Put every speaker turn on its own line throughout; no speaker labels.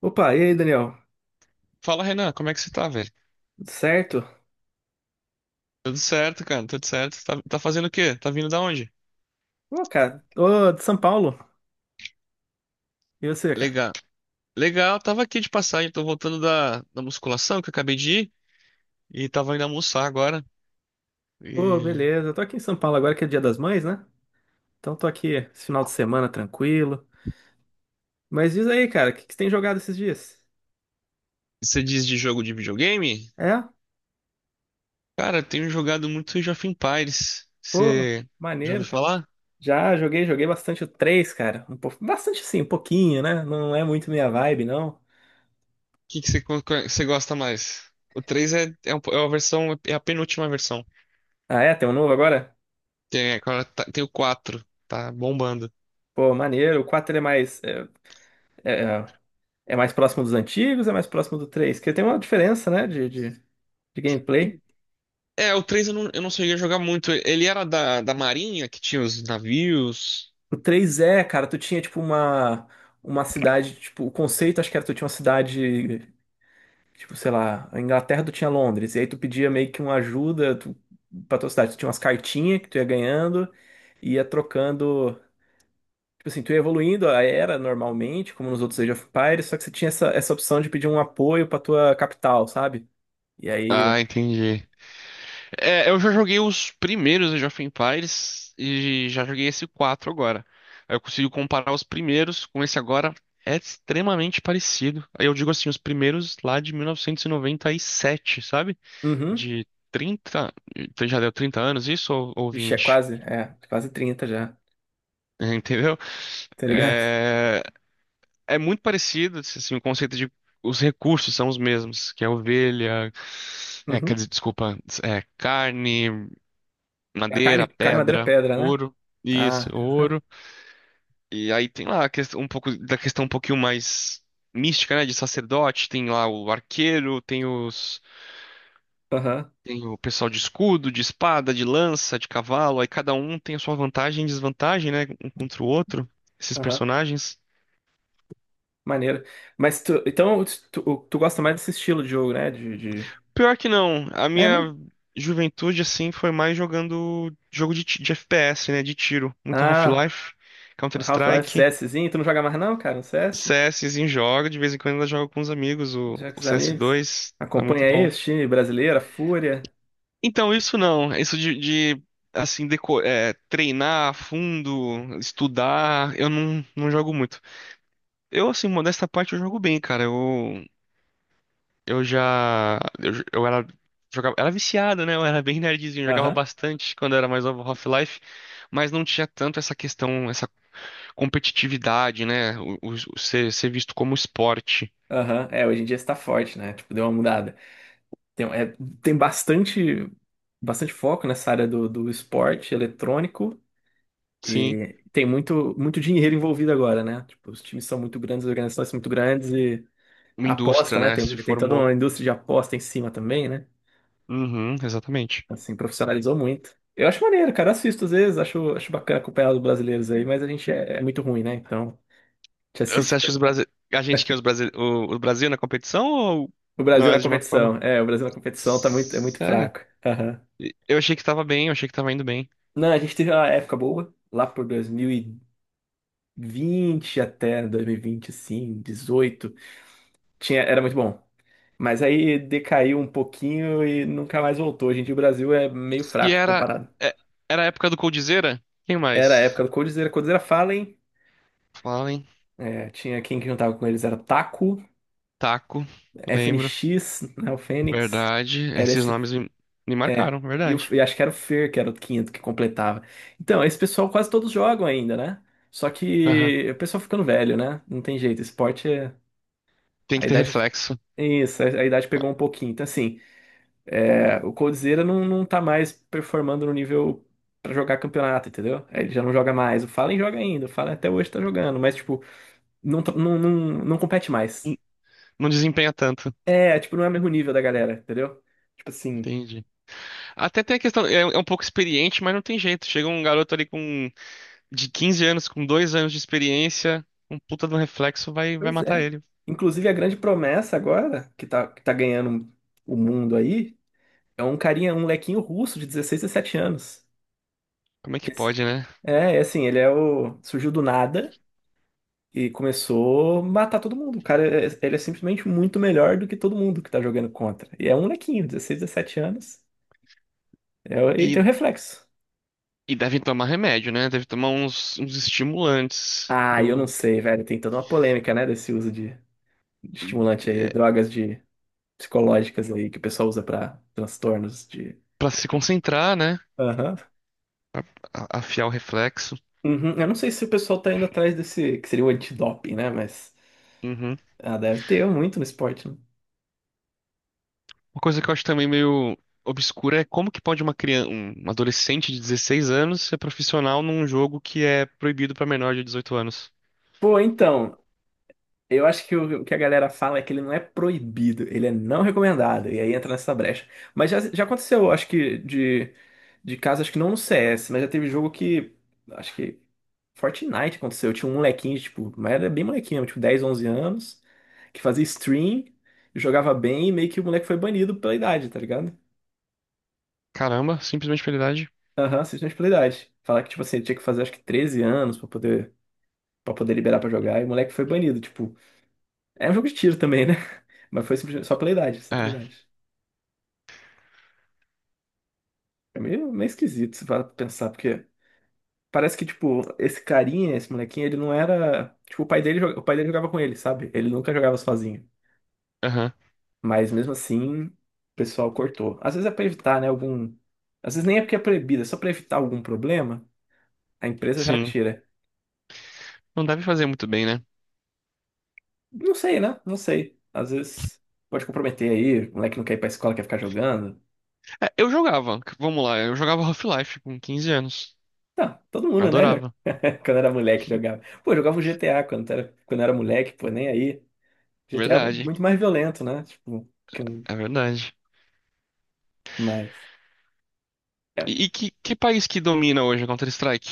Opa, e aí, Daniel?
Fala, Renan, como é que você tá, velho?
Tudo certo?
Tudo certo, cara, tudo certo. Tá fazendo o quê? Tá vindo da onde?
Ô, cara, ô, de São Paulo. E você, cara?
Legal. Legal, tava aqui de passagem, tô voltando da musculação que eu acabei de ir e tava indo almoçar agora.
Ô,
E
beleza. Eu tô aqui em São Paulo agora que é Dia das Mães, né? Então tô aqui esse final de semana tranquilo. Mas diz aí, cara, o que que você tem jogado esses dias?
você diz de jogo de videogame?
É?
Cara, eu tenho jogado muito Age of Empires.
Pô,
Você já
maneiro,
ouviu
cara.
falar? O
Já joguei, joguei bastante o três, cara. Um pouco, bastante sim, um pouquinho, né? Não é muito minha vibe, não.
que, que você, co- co- Você gosta mais? O 3 é a versão, é a penúltima versão.
Ah, é? Tem um novo agora?
Tem, agora tem o 4, tá bombando.
Pô, maneiro. O quatro ele é mais. É, é mais próximo dos antigos, é mais próximo do três, porque tem uma diferença, né? De gameplay.
É, o 3 eu não cheguei a jogar muito. Ele era da Marinha, que tinha os navios.
O três é cara, tu tinha tipo uma cidade, tipo, o conceito acho que era tu tinha uma cidade, tipo, sei lá, a Inglaterra tu tinha Londres, e aí tu pedia meio que uma ajuda pra tua cidade, tu tinha umas cartinhas que tu ia ganhando, e ia trocando, tipo assim, tu ia evoluindo a era normalmente, como nos outros Age of Empires, só que você tinha essa opção de pedir um apoio pra tua capital, sabe? E aí,
Ah, entendi. É, eu já joguei os primeiros Age of Empires e já joguei esse 4 agora. Aí eu consigo comparar os primeiros com esse agora. É extremamente parecido. Aí eu digo assim, os primeiros lá de 1997, sabe?
uhum,
De 30 Já deu 30 anos isso ou
vixe, é
20?
quase, quase 30 já.
Entendeu?
Tá ligado?
É, é muito parecido, assim, o conceito de os recursos são os mesmos, que é quer
Uhum.
dizer, desculpa, é carne,
A
madeira,
carne, carne, madeira,
pedra,
pedra, né? Ah, aham,
ouro. E aí tem lá a questão, um pouco da questão um pouquinho mais mística, né, de sacerdote, tem lá o arqueiro,
aham,
tem o pessoal de escudo, de espada, de lança, de cavalo, aí cada um tem a sua vantagem e desvantagem, né, um contra o outro, esses
aham.
personagens.
Maneiro. Mas então, tu gosta mais desse estilo de jogo, né? De...
Pior que não. A
É mesmo?
minha juventude, assim, foi mais jogando jogo de FPS, né? De tiro. Muito
Ah,
Half-Life,
Half-Life
Counter-Strike,
CSzinho, tu não joga mais não, cara, no CS?
CSzinho joga. De vez em quando ainda jogo com os amigos o,
Já com
o
os amigos?
CS2. Tá muito
Acompanha aí
bom.
os times brasileiro, a Fúria.
Então, isso não. Isso de treinar a fundo, estudar, eu não, não jogo muito. Eu, assim, modesta parte, eu jogo bem, cara. Eu já. Eu, j- eu era. Jogava, era viciado, né? Eu era bem nerdzinho, jogava
Aham,
bastante quando eu era mais novo Half-Life, mas não tinha tanto essa competitividade, né? Ser visto como esporte.
aham. É, hoje em dia está forte, né? Tipo, deu uma mudada. Tem, é, tem bastante foco nessa área do esporte eletrônico.
Sim,
E tem muito, muito dinheiro envolvido agora, né? Tipo, os times são muito grandes, as organizações são muito grandes e
uma
a
indústria,
aposta, né?
né?
Tem, um,
Se
tem toda uma
formou.
indústria de aposta em cima também, né?
Uhum, exatamente.
Assim, profissionalizou muito. Eu acho maneiro, cara. Assisto às vezes, acho bacana acompanhar os brasileiros aí, mas a gente é muito ruim, né? Então, a gente
Você
assiste
acha que os Brasi... a gente que é os Brasi... o, O Brasil na competição ou
o Brasil na
nós de uma forma?
competição. É, o Brasil na competição é muito
Sério?
fraco. Aham.
Eu achei que tava bem, eu achei que tava indo bem.
Não, a gente teve uma época boa, lá por 2020 até 2020, assim, 18. Era muito bom. Mas aí decaiu um pouquinho e nunca mais voltou. Gente, o Brasil é meio
E
fraco
era.
comparado.
é- Era a época do Coldzera? Quem
Era a época
mais?
do Coldzera, Coldzera Fallen,
Falem.
é, tinha quem que juntava com eles, era Taco,
Taco, lembro.
FNX, né, o Fênix,
Verdade.
era esse,
Me
é,
marcaram, verdade.
e acho que era o Fer, que era o quinto que completava. Então, esse pessoal quase todos jogam ainda, né? Só
Aham.
que o pessoal ficando velho, né? Não tem jeito, esporte,
Tem
a
que ter
idade,
reflexo.
isso, a idade pegou um pouquinho. Então, assim, o Coldzera não tá mais performando no nível pra jogar campeonato, entendeu? Aí ele já não joga mais. O Fallen joga ainda, o Fallen até hoje tá jogando, mas, tipo, não, tá- não, não, não compete mais.
N- Não desempenha tanto.
É, tipo, não é o mesmo nível da galera, entendeu? Tipo assim,
Entendi. Até tem a questão, é um pouco experiente, mas não tem jeito. Chega um garoto ali com de 15 anos, com dois anos de experiência, um puta de um reflexo vai
pois é.
matar ele.
Inclusive, a grande promessa agora, que tá, ganhando o mundo aí, é um carinha, um molequinho russo de 16, 17 anos.
Como é
Que
que
esse-
pode, né?
é assim, ele é o. Surgiu do nada. E começou a matar todo mundo. O cara, ele é simplesmente muito melhor do que todo mundo que tá jogando contra. E é um molequinho, 16, 17 anos, e tem o
E,
reflexo.
e devem tomar remédio, né? Deve tomar uns estimulantes.
Ah, eu não sei, velho, tem toda uma polêmica, né, desse uso de estimulante aí,
É,
drogas de psicológicas aí que o pessoal usa pra transtornos de...
Para se concentrar, né?
Aham.
Afiar o reflexo.
Uhum. Eu não sei se o pessoal tá indo atrás desse, que seria o antidoping, né, mas
Uhum.
deve ter muito no esporte, né?
Uma coisa que eu acho também meio obscura é como que pode uma criança, um adolescente de 16 anos ser profissional num jogo que é proibido pra menor de 18 anos.
Pô, então, eu acho que o que a galera fala é que ele não é proibido, ele é não recomendado, e aí entra nessa brecha. Mas já aconteceu, acho que, de casos, acho que não no CS, mas já teve jogo que, acho que Fortnite aconteceu, tinha um molequinho, tipo, mas era bem molequinho, tipo 10, 11 anos, que fazia stream, jogava bem, e meio que o moleque foi banido pela idade, tá ligado?
Caramba, simplesmente pela idade.
Aham, assistente pela idade. Falar que, tipo assim, ele tinha que fazer acho que 13 anos pra poder liberar pra jogar, e o moleque foi banido, tipo, é um jogo de tiro também, né? Mas foi simplesmente só pela idade, só pela
É,
idade. É meio, meio esquisito se para pensar, porque parece que, tipo, esse carinha, esse molequinho, ele não era. Tipo, o pai dele jogava com ele, sabe? Ele nunca jogava sozinho.
aham,
Mas mesmo assim, o pessoal cortou. Às vezes é pra evitar, né? Algum. Às vezes nem é porque é proibido, é só pra evitar algum problema, a empresa já
sim.
tira.
Não deve fazer muito bem, né?
Não sei, né? Não sei. Às vezes pode comprometer aí, o moleque não quer ir pra escola, quer ficar jogando.
É, eu jogava, vamos lá, eu jogava Half-Life com 15 anos.
Tá, todo mundo, né? Já...
Adorava.
Quando era moleque jogava. Pô, eu jogava um GTA quando era moleque, pô, nem aí. GTA é
Verdade,
muito mais violento, né? Tipo, que
é verdade.
mais. É.
E que país que domina hoje a Counter-Strike?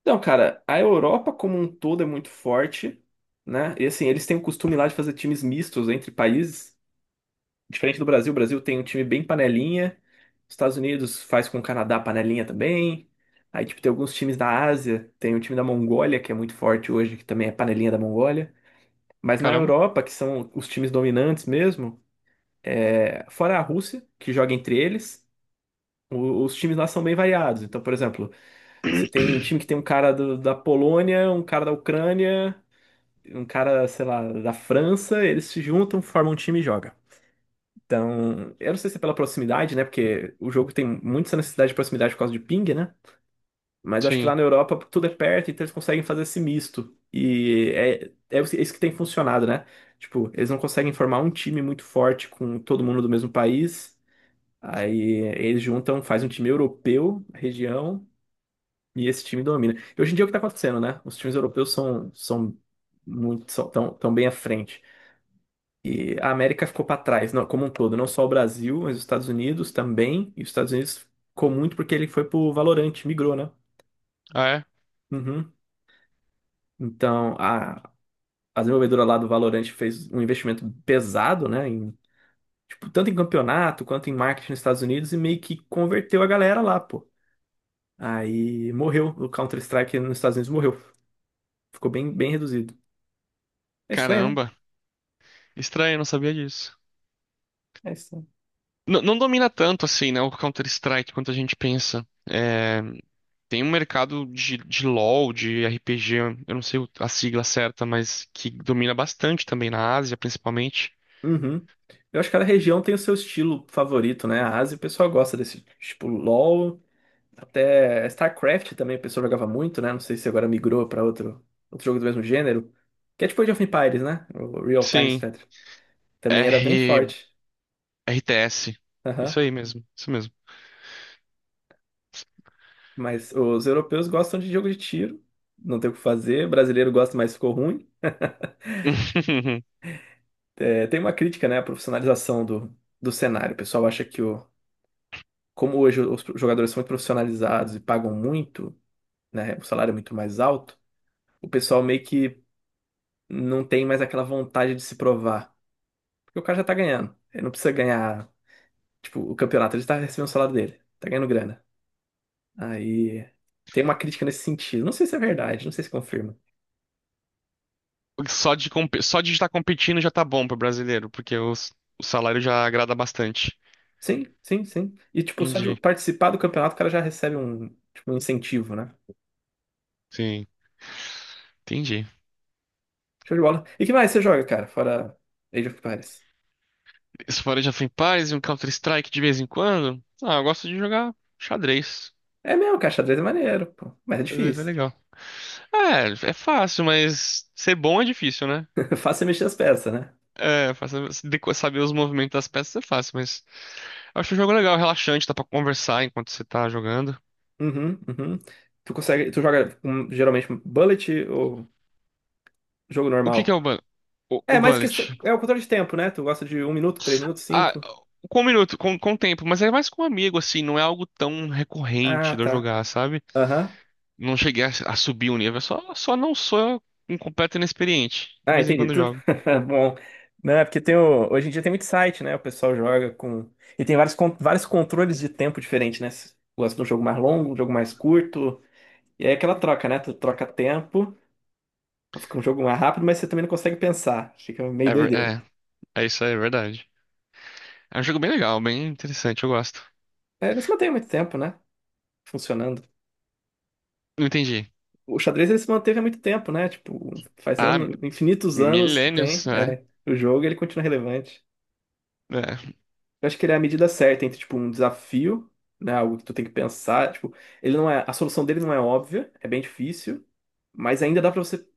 Então, cara, a Europa como um todo é muito forte, né? E assim, eles têm o costume lá de fazer times mistos entre países. Diferente do Brasil, o Brasil tem um time bem panelinha. Os Estados Unidos faz com o Canadá panelinha também. Aí, tipo, tem alguns times da Ásia, tem o time da Mongólia, que é muito forte hoje, que também é panelinha da Mongólia. Mas na
Caramba.
Europa, que são os times dominantes mesmo, fora a Rússia, que joga entre eles. Os times lá são bem variados. Então, por exemplo, você tem um time que tem um cara da Polônia, um cara da Ucrânia, um cara, sei lá, da França, eles se juntam, formam um time e jogam. Então, eu não sei se é pela proximidade, né? Porque o jogo tem muito essa necessidade de proximidade por causa de ping, né? Mas acho que lá
Sim.
na Europa tudo é perto, então eles conseguem fazer esse misto. E é isso que tem funcionado, né? Tipo, eles não conseguem formar um time muito forte com todo mundo do mesmo país. Aí eles juntam, faz um time europeu, região, e esse time domina. E hoje em dia é o que está acontecendo, né? Os times europeus são muito tão bem à frente. E a América ficou para trás, não, como um todo, não só o Brasil, mas os Estados Unidos também. E os Estados Unidos ficou muito porque ele foi pro Valorant, migrou, né?
Ah, é?
Uhum. Então, a desenvolvedora lá do Valorant fez um investimento pesado, né? Em, tipo, tanto em campeonato quanto em marketing nos Estados Unidos e meio que converteu a galera lá, pô. Aí morreu. O Counter-Strike nos Estados Unidos morreu. Ficou bem, bem reduzido. É estranho, né?
Caramba. Estranho, eu não sabia disso.
É estranho.
Não domina tanto assim, né, o Counter-Strike quanto a gente pensa. É, tem um mercado de LoL, de RPG, eu não sei a sigla certa, mas que domina bastante também na Ásia, principalmente.
Uhum. Eu acho que cada região tem o seu estilo favorito, né? A Ásia, o pessoal gosta desse tipo LoL, até StarCraft também o pessoal jogava muito, né? Não sei se agora migrou para outro, jogo do mesmo gênero, que é tipo Age of Empires, né? O Real Time
Sim,
Strategy. Também era bem
R,
forte.
RTS. Isso
Aham.
aí mesmo, isso mesmo.
Mas os europeus gostam de jogo de tiro, não tem o que fazer. O brasileiro gosta, mas ficou ruim. É, tem uma crítica, né, à profissionalização do cenário. O pessoal acha que como hoje os jogadores são muito profissionalizados e pagam muito, né, o salário é muito mais alto, o pessoal meio que não tem mais aquela vontade de se provar. Porque o cara já tá ganhando. Ele não precisa ganhar, tipo, o campeonato, ele tá recebendo o salário dele, tá ganhando grana. Aí tem uma crítica nesse sentido. Não sei se é verdade, não sei se confirma.
Só de estar competindo já tá bom pro brasileiro, porque o salário já agrada bastante.
Sim, sim, sim. E, tipo, só de
Entendi.
participar do campeonato, o cara já recebe um, tipo, um incentivo, né?
Sim, entendi.
Show de bola. E que mais você joga, cara, fora Age of Empires?
Esse Forage of paz e um Counter-Strike de vez em quando? Ah, eu gosto de jogar xadrez.
É mesmo, cara, xadrez é maneiro, pô. Mas é
Mas é
difícil.
legal. É, é fácil, mas ser bom é difícil, né?
Fácil é mexer as peças, né?
É, saber os movimentos das peças é fácil, mas eu acho o jogo legal, relaxante, dá pra conversar enquanto você tá jogando.
Uhum, uhum. Tu joga com, geralmente bullet ou jogo
O que que
normal?
é o, o
É, mas que
bullet?
é o controle de tempo, né? Tu gosta de 1 minuto, 3 minutos,
Ah,
5?
com um minuto, com tempo, mas é mais com um amigo, assim, não é algo tão
Ah,
recorrente de eu
tá.
jogar, sabe?
Aham.
Não cheguei a subir o nível, só não sou um completo inexperiente. De
Ah,
vez em
entendi.
quando eu
Tudo
jogo.
bom, né? Porque tem hoje em dia tem muito site, né? O pessoal joga com e tem vários vários controles de tempo diferentes, né? Se tu gosta de um jogo mais longo, um jogo mais curto. E aí é aquela troca, né? Tu troca tempo, pra ficar um jogo mais rápido, mas você também não consegue pensar. Fica meio
É, ver-
doideira.
é, é isso aí, é verdade. É um jogo bem legal, bem interessante, eu gosto.
É, mas mantém muito tempo, né? Funcionando.
Não entendi.
O xadrez ele se manteve há muito tempo, né? Tipo, faz
Ah,
anos, infinitos anos que tem.
milênios, né?
É, o jogo ele continua relevante. Eu acho que ele é a medida certa entre, tipo, um desafio, né? Algo que tu tem que pensar. Tipo, ele não é, a solução dele não é óbvia, é bem difícil, mas ainda dá pra você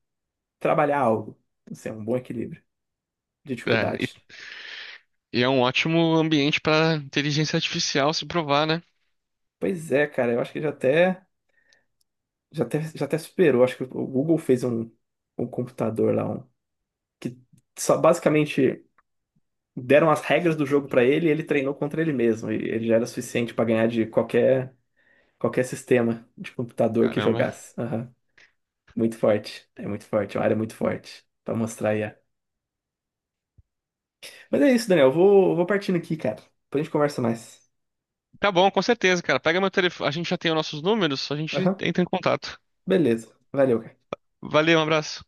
trabalhar algo. Assim, é um bom equilíbrio de
É, é.
dificuldade.
E é um ótimo ambiente para inteligência artificial se provar, né?
Pois é, cara, eu acho que já até superou. Acho que o Google fez um computador lá, um, que só basicamente. Deram as regras do jogo pra ele e ele treinou contra ele mesmo. E ele já era suficiente pra ganhar de qualquer sistema de computador que
Caramba.
jogasse. Aham. Muito forte. É muito forte. É uma área muito forte. Pra mostrar aí. É. Mas é isso, Daniel. Eu vou partindo aqui, cara. Depois a gente conversa mais.
Tá bom, com certeza, cara. Pega meu telefone. A gente já tem os nossos números, a gente
Aham.
entra em contato.
Beleza. Valeu, cara.
Valeu, um abraço.